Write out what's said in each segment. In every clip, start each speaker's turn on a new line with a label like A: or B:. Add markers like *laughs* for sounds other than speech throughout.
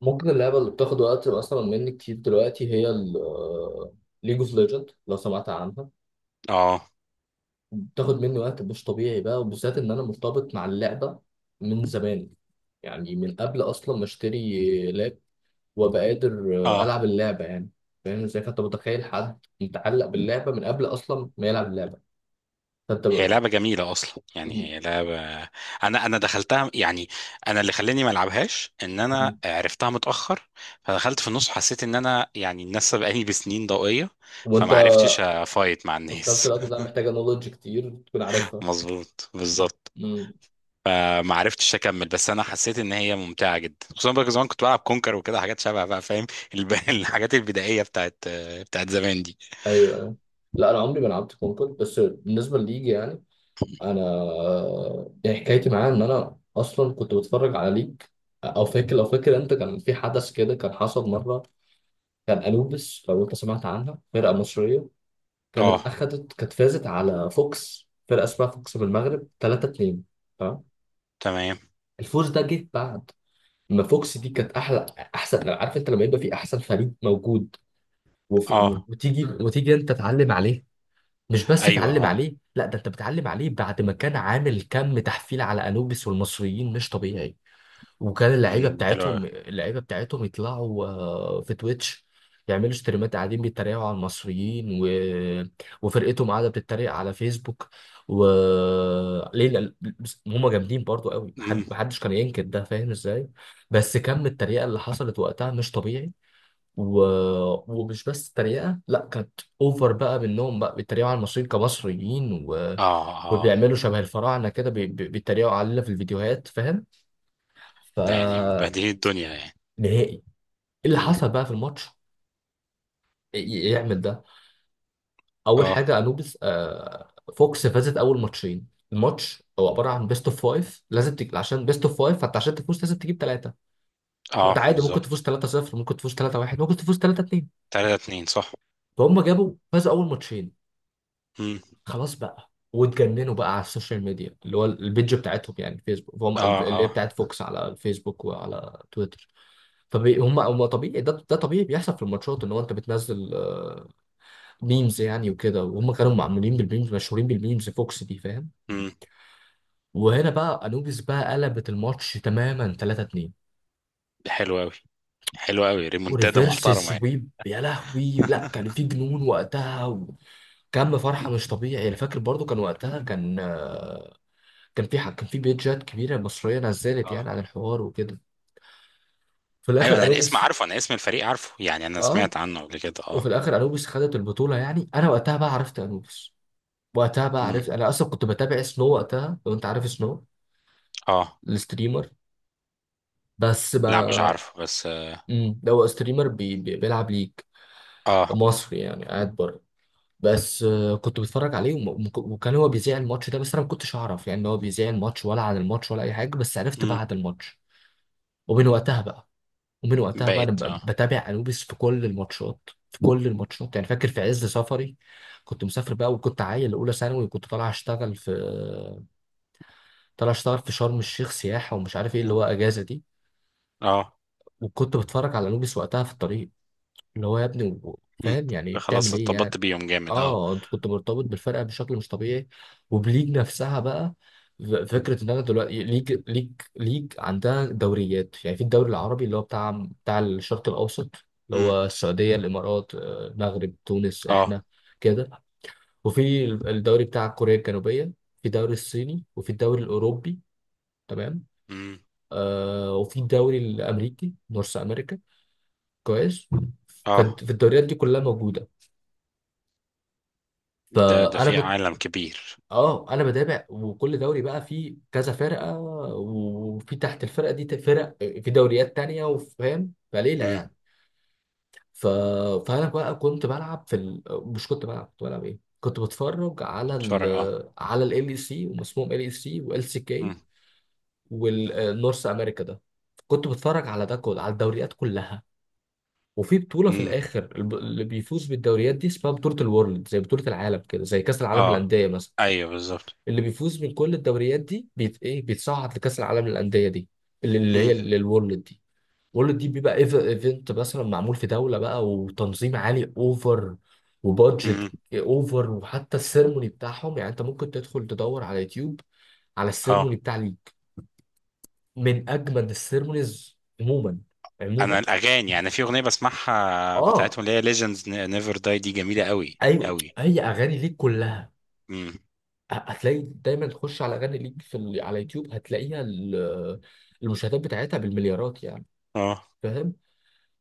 A: ممكن اللعبة اللي بتاخد وقت مثلا مني كتير دلوقتي هي ليج اوف ليجند، لو سمعت عنها.
B: اه،
A: بتاخد مني وقت مش طبيعي بقى، وبالذات ان انا مرتبط مع اللعبة من زمان، يعني من قبل اصلا ما اشتري لاب وابقى قادر
B: اه،
A: العب اللعبة يعني، فاهم ازاي؟ فانت متخيل حد متعلق باللعبة من قبل اصلا ما يلعب اللعبة. فانت
B: هي
A: ب...
B: لعبة جميلة أصلا، يعني
A: م-
B: هي لعبة، أنا دخلتها. يعني أنا اللي خلاني ما ألعبهاش إن أنا
A: م-
B: عرفتها متأخر، فدخلت في النص، حسيت إن أنا يعني الناس سبقاني بسنين ضوئية،
A: وانت
B: فما عرفتش أفايت مع
A: في نفس
B: الناس.
A: الوقت ده محتاجة نولج كتير تكون
B: *laughs*
A: عارفها.
B: مظبوط، بالظبط.
A: م.
B: فما عرفتش أكمل، بس أنا حسيت إن هي ممتعة جدا، خصوصا بقى زمان كنت بلعب كونكر وكده، حاجات شبه، بقى فاهم، *laughs* الحاجات البدائية بتاعت زمان دي.
A: ايوه، أيوة. لا، انا عمري ما لعبت كونكورد، بس بالنسبه لليج يعني، انا يعني حكايتي معاه ان انا اصلا كنت بتفرج عليك، او فاكر. لو فاكر انت، كان في حدث كده كان حصل مره، كان انوبيس، لو انت سمعت عنها، فرقه مصريه.
B: اه.
A: كانت فازت على فوكس، فرقه اسمها فوكس من المغرب 3-2. تمام.
B: تمام.
A: الفوز ده جه بعد ما فوكس دي كانت احسن. عارف انت لما يبقى في احسن فريق موجود،
B: اه،
A: وتيجي انت تعلم عليها. مش بس
B: أيوه.
A: تعلم
B: اه.
A: عليه، لا ده انت بتعلم عليه بعد ما كان عامل كم تحفيل على انوبيس والمصريين مش طبيعي. وكان اللعيبه
B: دي حلوة أوي.
A: بتاعتهم اللعيبه بتاعتهم يطلعوا في تويتش، يعملوا ستريمات، قاعدين بيتريقوا على المصريين، وفرقتهم قاعده بتتريق على فيسبوك. و ليه لا- بس هم جامدين برضو قوي،
B: إمم.
A: محدش كان ينكر ده، فاهم ازاي؟ بس كم التريقه اللي حصلت وقتها مش طبيعي. و... ومش بس تريقة، لا كانت اوفر بقى، منهم بقى بيتريقوا على المصريين كمصريين،
B: اه، اه،
A: وبيعملوا شبه الفراعنة كده، بيتريقوا علينا في الفيديوهات، فاهم.
B: ده يعني
A: فنهائي
B: بديهي الدنيا، يعني.
A: ايه اللي
B: مم.
A: حصل بقى في الماتش يعمل ده. اول
B: اه،
A: حاجة فوكس فازت اول ماتشين. الماتش هو عبارة عن بيست اوف فايف، عشان بيست اوف فايف فانت عشان تفوز لازم تجيب ثلاثة. فانت
B: اه،
A: عادي ممكن تفوز
B: بالظبط،
A: 3-0، ممكن تفوز 3-1، ممكن تفوز 3-2.
B: تلاتة اتنين، صح.
A: فهم جابوا فازوا اول ماتشين.
B: مم.
A: خلاص بقى، واتجننوا بقى على السوشيال ميديا، اللي هو البيج بتاعتهم يعني، الفيسبوك. فهم،
B: اه،
A: اللي هي
B: اه.
A: بتاعت فوكس، على الفيسبوك وعلى تويتر. فهم هم طبيعي، ده طبيعي بيحصل في الماتشات، ان هو انت بتنزل ميمز يعني وكده، وهم كانوا معمولين بالميمز، مشهورين بالميمز، فوكس دي، فاهم.
B: مم.
A: وهنا بقى انوبيس بقى قلبت الماتش تماما 3-2
B: ده حلو اوي، حلو اوي، ريمونتادا
A: وريفيرس
B: محترمة يعني.
A: سويب. يا لهوي، لا كان في جنون وقتها، وكم فرحه مش طبيعي. انا فاكر برضو، كان وقتها كان كان في حق كان في بيجات كبيره مصريه نزلت
B: اه،
A: يعني، عن الحوار وكده. في
B: ايوه،
A: الاخر
B: انا الاسم
A: انوبيس
B: عارفه، انا اسم الفريق عارفه، يعني انا
A: اه
B: سمعت عنه قبل كده،
A: وفي
B: اه.
A: الاخر انوبيس خدت البطوله، يعني انا وقتها بقى عرفت انوبيس، وقتها بقى
B: مم.
A: عرفت. انا اصلا كنت بتابع سنو وقتها، لو انت عارف سنو
B: اه.
A: الستريمر، بس ما
B: لا مش عارفه بس.
A: ده هو ستريمر بيلعب ليج،
B: اه.
A: مصري يعني قاعد بره. بس كنت بتفرج عليه وكان هو بيذيع الماتش ده، بس انا ما كنتش اعرف يعني ان هو بيذيع الماتش، ولا عن الماتش ولا اي حاجه، بس عرفت بعد
B: مم.
A: الماتش. ومن وقتها بقى ومن وقتها بقى انا
B: بقيت، اه.
A: بتابع انوبيس في كل الماتشات، يعني فاكر في عز سفري، كنت مسافر بقى، وكنت عيل اولى ثانوي، وكنت طالع اشتغل في شرم الشيخ سياحه، ومش عارف ايه، اللي
B: مم.
A: هو اجازه دي.
B: اه.
A: وكنت بتفرج على انوبيس وقتها في الطريق، اللي هو يا ابني
B: مم.
A: فاهم يعني بتعمل
B: خلاص
A: ايه
B: ارتبطت
A: يعني.
B: بيهم جامد، اه.
A: اه، انت كنت مرتبط بالفرقه بشكل مش طبيعي، وبليج نفسها بقى. فكره ان انا دلوقتي، ليج، ليج عندها دوريات، يعني في الدوري العربي، اللي هو بتاع الشرق الاوسط، اللي
B: مم.
A: هو السعوديه، الامارات، المغرب، تونس،
B: اه.
A: احنا، كده. وفي الدوري بتاع كوريا الجنوبيه، في الدوري الصيني، وفي الدوري الاوروبي. تمام.
B: مم.
A: آه، وفي الدوري الامريكي، نورث امريكا. كويس.
B: اه.
A: فالدوريات دي كلها موجوده.
B: ده
A: فانا
B: في
A: كنت
B: عالم كبير.
A: اه، انا بتابع، وكل دوري بقى فيه كذا فرقه، وفي تحت الفرقه دي فرق في دوريات تانية، وفاهم، فليله
B: مم.
A: يعني. ف... فانا بقى كنت بلعب في ال... مش كنت بلعب ايه كنت بتفرج
B: بتفرج، اه.
A: على ال اي سي ومسموم ال اي سي وال سي كي
B: مم.
A: والنورث امريكا ده. كنت بتفرج على ده كله، على الدوريات كلها. وفي بطوله في
B: مم.
A: الاخر، اللي بيفوز بالدوريات دي اسمها بطوله الورلد، زي بطوله العالم كده، زي كاس العالم
B: اه،
A: للانديه مثلا.
B: ايوه، بالظبط.
A: اللي بيفوز من كل الدوريات دي بيتصعد لكاس العالم للانديه دي، اللي
B: مم.
A: هي للورلد دي. الورلد دي بيبقى ايفنت مثلا، معمول في دوله بقى، وتنظيم عالي اوفر، وبادجت
B: مم.
A: اوفر، وحتى السيرموني بتاعهم. يعني انت ممكن تدخل تدور على يوتيوب على السيرموني
B: اه،
A: بتاع ليج، من اجمل السيرمونيز عموما.
B: انا
A: عموما،
B: الاغاني يعني، في اغنيه بسمعها
A: اه،
B: بتاعتهم، اللي هي ليجندز نيفر داي، دي جميله قوي
A: ايوه،
B: قوي.
A: هي اغاني ليج كلها.
B: مم.
A: هتلاقي دايما تخش على اغاني ليج في على يوتيوب، المشاهدات بتاعتها بالمليارات يعني،
B: اه.
A: فاهم.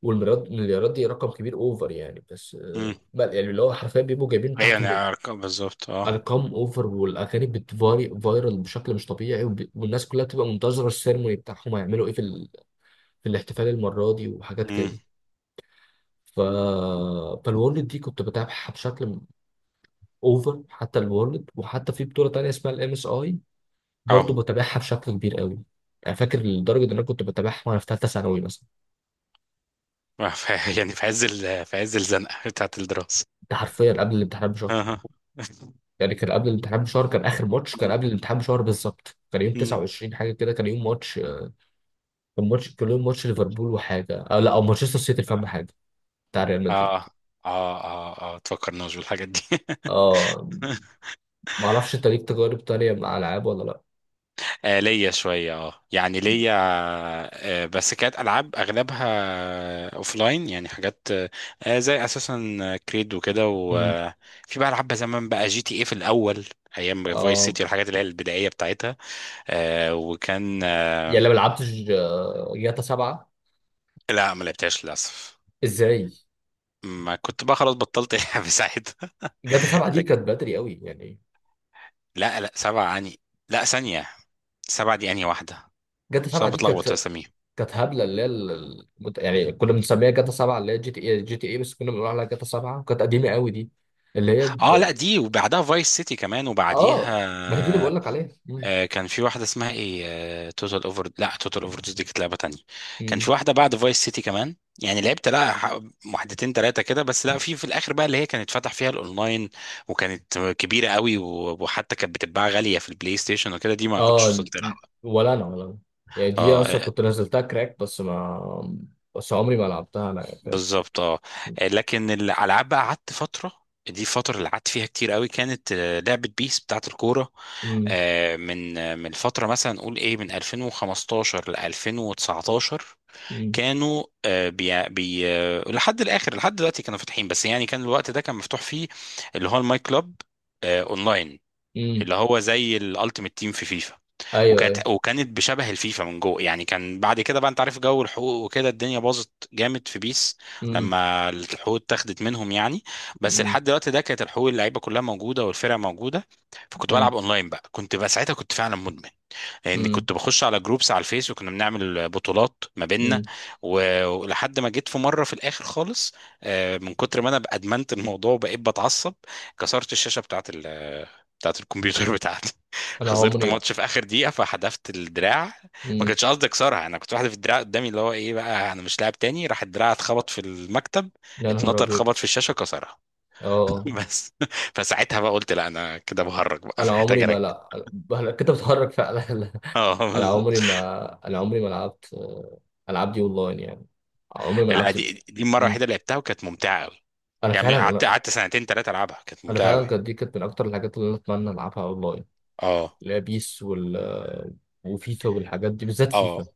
A: والمليارات، دي رقم كبير اوفر يعني، بس
B: مم.
A: آه، بل يعني اللي هو حرفيا بيبقوا جايبين
B: ايوه،
A: تحته
B: بالظبط، اه.
A: ارقام اوفر، والاغاني بتفاري فايرال بشكل مش طبيعي، والناس كلها بتبقى منتظره السيرموني بتاعهم هيعملوا ايه في في الاحتفال المره دي، وحاجات
B: مم.
A: كده. ف فالورلد دي كنت بتابعها بشكل اوفر، حتى الورلد، وحتى في بطوله تانيه اسمها الام اس اي، برضه
B: اه.
A: بتابعها بشكل كبير قوي. يعني فاكر لدرجه ان انا كنت بتابعها وانا في ثالثه ثانوي مثلا.
B: *laughs* يعني في عز الزنقه بتاعت الدراسه،
A: ده حرفيا قبل الامتحانات بشهر،
B: اه. *laughs*
A: يعني كان قبل الامتحان بشهر. كان اخر ماتش كان
B: مم.
A: قبل الامتحان بشهر بالظبط، كان يوم
B: مم.
A: 29 حاجه كده، كان يوم ماتش. كان يوم ماتش ليفربول وحاجه، لا، او مانشستر سيتي، فاهم،
B: اه،
A: حاجه بتاع ريال مدريد.
B: اه، اه، اه، تفكرناش بالحاجات دي. *laughs*
A: اه، ما اعرفش انت ليك تجارب تانية مع العاب ولا لا؟
B: ليا شوية، اه يعني ليا. بس كانت ألعاب أغلبها أوفلاين، يعني حاجات زي أساسا كريد وكده،
A: امم
B: وفي بقى ألعاب زمان، بقى جي تي ايه في الأول. أيام فايس
A: اه،
B: سيتي والحاجات اللي هي البدائية بتاعتها. آه وكان آه
A: يعني لما لعبتش جاتا 7.
B: لا ما لعبتهاش للأسف.
A: ازاي؟
B: ما كنت بقى، خلاص بطلت *laughs* ألعب ساعتها.
A: جاتا 7 دي كانت
B: لك.
A: بدري قوي يعني.
B: لا، لا، سبعة يعني. لا، ثانية. سبعة دي أنهي واحدة؟
A: جاتا
B: عشان
A: 7
B: أنا
A: دي
B: بتلخبط في
A: كانت
B: أساميهم.
A: هبله، اللي هي ال- ال- مت- يعني كنا بنسميها جاتا 7، اللي هي جي تي اي، بس كنا بنقول عليها جاتا 7، وكانت قديمه قوي دي، اللي هي
B: اه، لا دي وبعدها فايس سيتي كمان وبعديها.
A: اه. ما هي دي اللي بقول لك عليها. مم.
B: كان في واحدة اسمها ايه توتال اوفر. لا، توتال اوفر دي كانت لعبة تانية. كان
A: مم.
B: في واحدة بعد فايس سيتي كمان، يعني لعبت، لا واحدتين تلاتة كده بس. لا في الاخر بقى، اللي هي كانت فتح فيها الاونلاين، وكانت كبيرة قوي، وحتى كانت بتتباع غالية في البلاي ستيشن وكده، دي ما كنتش
A: اه،
B: وصلت لها.
A: ولا انا، يعني دي
B: اه.
A: اصلا كنت نزلتها كراك، بس ما، بس عمري ما لعبتها انا، يعني فاهم.
B: بالظبط، اه. لكن الالعاب بقى قعدت فترة. دي الفترة اللي قعدت فيها كتير قوي، كانت لعبة بيس بتاعت الكورة.
A: مم.
B: من فترة مثلا، نقول ايه، من 2015 ل 2019،
A: مم.
B: كانوا بي بي لحد الاخر، لحد دلوقتي كانوا فاتحين، بس يعني كان الوقت ده كان مفتوح فيه اللي هو الماي كلوب، اونلاين،
A: مم.
B: اللي هو زي الالتيميت تيم في فيفا.
A: ايوه، ايوه.
B: وكانت بشبه الفيفا من جوه، يعني كان بعد كده بقى انت عارف جو الحقوق وكده، الدنيا باظت جامد في بيس
A: مم.
B: لما الحقوق اتاخدت منهم يعني. بس
A: مم.
B: لحد الوقت ده كانت الحقوق، اللعيبه كلها موجوده والفرق موجوده. فكنت
A: مم.
B: بلعب اونلاين بقى، كنت بقى ساعتها كنت فعلا مدمن، لاني
A: مم.
B: كنت بخش على جروبس على الفيس، وكنا بنعمل بطولات ما بيننا.
A: مم.
B: ولحد ما جيت في مره في الاخر خالص، من كتر ما انا بقى ادمنت الموضوع وبقيت بتعصب، كسرت الشاشه بتاعت الكمبيوتر بتاعتي. *laughs*
A: انا
B: خسرت
A: عمري.
B: ماتش في اخر دقيقه، فحدفت الدراع. ما
A: مم.
B: كانش قصدي اكسرها، انا كنت واحد في الدراع قدامي، اللي هو ايه بقى، انا مش لاعب تاني، راح الدراع اتخبط في المكتب،
A: يا نهار
B: اتنطر،
A: ابيض.
B: خبط في الشاشه، كسرها.
A: اه،
B: *laughs* بس فساعتها بقى قلت لا، انا كده بهرج بقى. *laughs*
A: انا
B: محتاج
A: عمري ما
B: اركز.
A: لا، أنا كنت بتحرك فعلا *laughs* لا،
B: اه،
A: انا عمري ما لعبت العاب دي اونلاين يعني، عمري ما
B: لا
A: لعبت.
B: دي المره
A: مم.
B: الوحيده اللي لعبتها، وكانت ممتعه قوي،
A: انا
B: يعني
A: فعلا
B: قعدت سنتين ثلاثه العبها، كانت
A: انا
B: ممتعه
A: فعلا
B: قوي.
A: كانت دي كانت من اكتر الحاجات اللي انا اتمنى العبها اونلاين،
B: اه،
A: اللي هي بيس وال آه، وفيفا، والحاجات دي، بالذات
B: اه،
A: فيفا.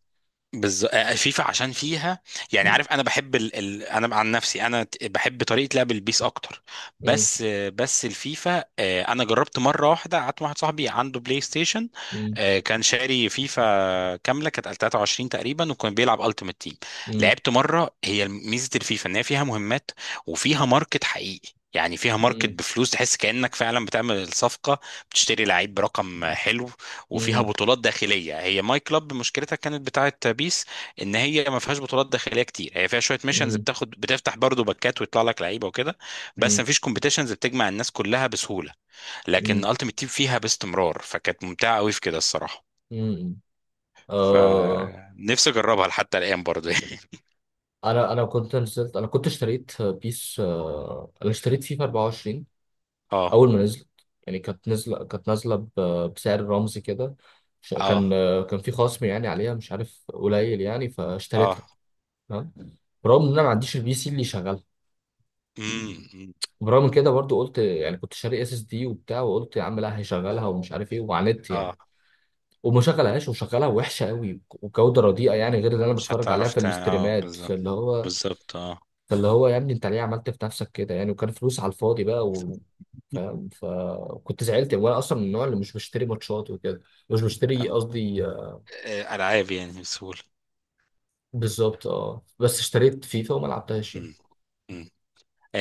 B: بالظبط، فيفا عشان فيها، يعني
A: مم.
B: عارف انا بحب انا عن نفسي انا بحب طريقه لعب البيس اكتر.
A: مم.
B: بس بس الفيفا، انا جربت مره واحده، قعدت مع واحد صاحبي عنده بلاي ستيشن.
A: مم.
B: كان شاري فيفا كامله، كانت 23 تقريبا، وكان بيلعب التيمت تيم.
A: مم.
B: لعبت مره، هي ميزه الفيفا ان هي فيها مهمات، وفيها ماركت حقيقي، يعني فيها ماركت
A: مم.
B: بفلوس، تحس كأنك فعلا بتعمل الصفقة، بتشتري لعيب برقم حلو، وفيها
A: مم.
B: بطولات داخليه. هي ماي كلاب مشكلتها كانت بتاعه بيس ان هي ما فيهاش بطولات داخليه كتير، هي فيها شويه ميشنز
A: مم.
B: بتاخد، بتفتح برضو باكات ويطلع لك لعيبه وكده، بس
A: مم.
B: ما فيش كومبيتيشنز بتجمع الناس كلها بسهوله. لكن
A: مم.
B: التيمت تيم فيها باستمرار، فكانت ممتعه قوي في كده الصراحه،
A: مم. آه،
B: فنفسي اجربها لحتى الان برضو يعني. *laughs*
A: انا كنت نزلت انا كنت اشتريت بيس، آه، انا اشتريت فيفا 24
B: اه،
A: اول ما نزلت، يعني كانت نازله، بسعر رمزي كده.
B: اه،
A: كان كان في خصم يعني عليها، مش عارف قليل يعني،
B: اه،
A: فاشتريتها. تمام. برغم ان انا ما عنديش البي سي اللي يشغلها،
B: امم،
A: وبرغم كده برضو قلت يعني، كنت شاري اس اس دي وبتاع، وقلت يا عم لا هيشغلها ومش عارف ايه، وعاندت يعني،
B: اه،
A: وما شغلهاش، وشغلها وحشه قوي وجوده رديئه يعني، غير اللي انا
B: مش
A: بتفرج عليها
B: هتعرف
A: في
B: تاني، اه
A: الاستريمات.
B: بالظبط. بالظبط، اه.
A: فاللي هو يا ابني انت ليه عملت في نفسك كده يعني، وكان فلوس على الفاضي بقى، فاهم، فكنت زعلت يعني. وانا اصلا من النوع اللي مش بشتري ماتشات وكده، مش بشتري
B: أم-
A: قصدي آه،
B: العاب يعني بسهوله.
A: بالظبط، اه. بس اشتريت فيفا وما لعبتهاش يعني.
B: مم. مم.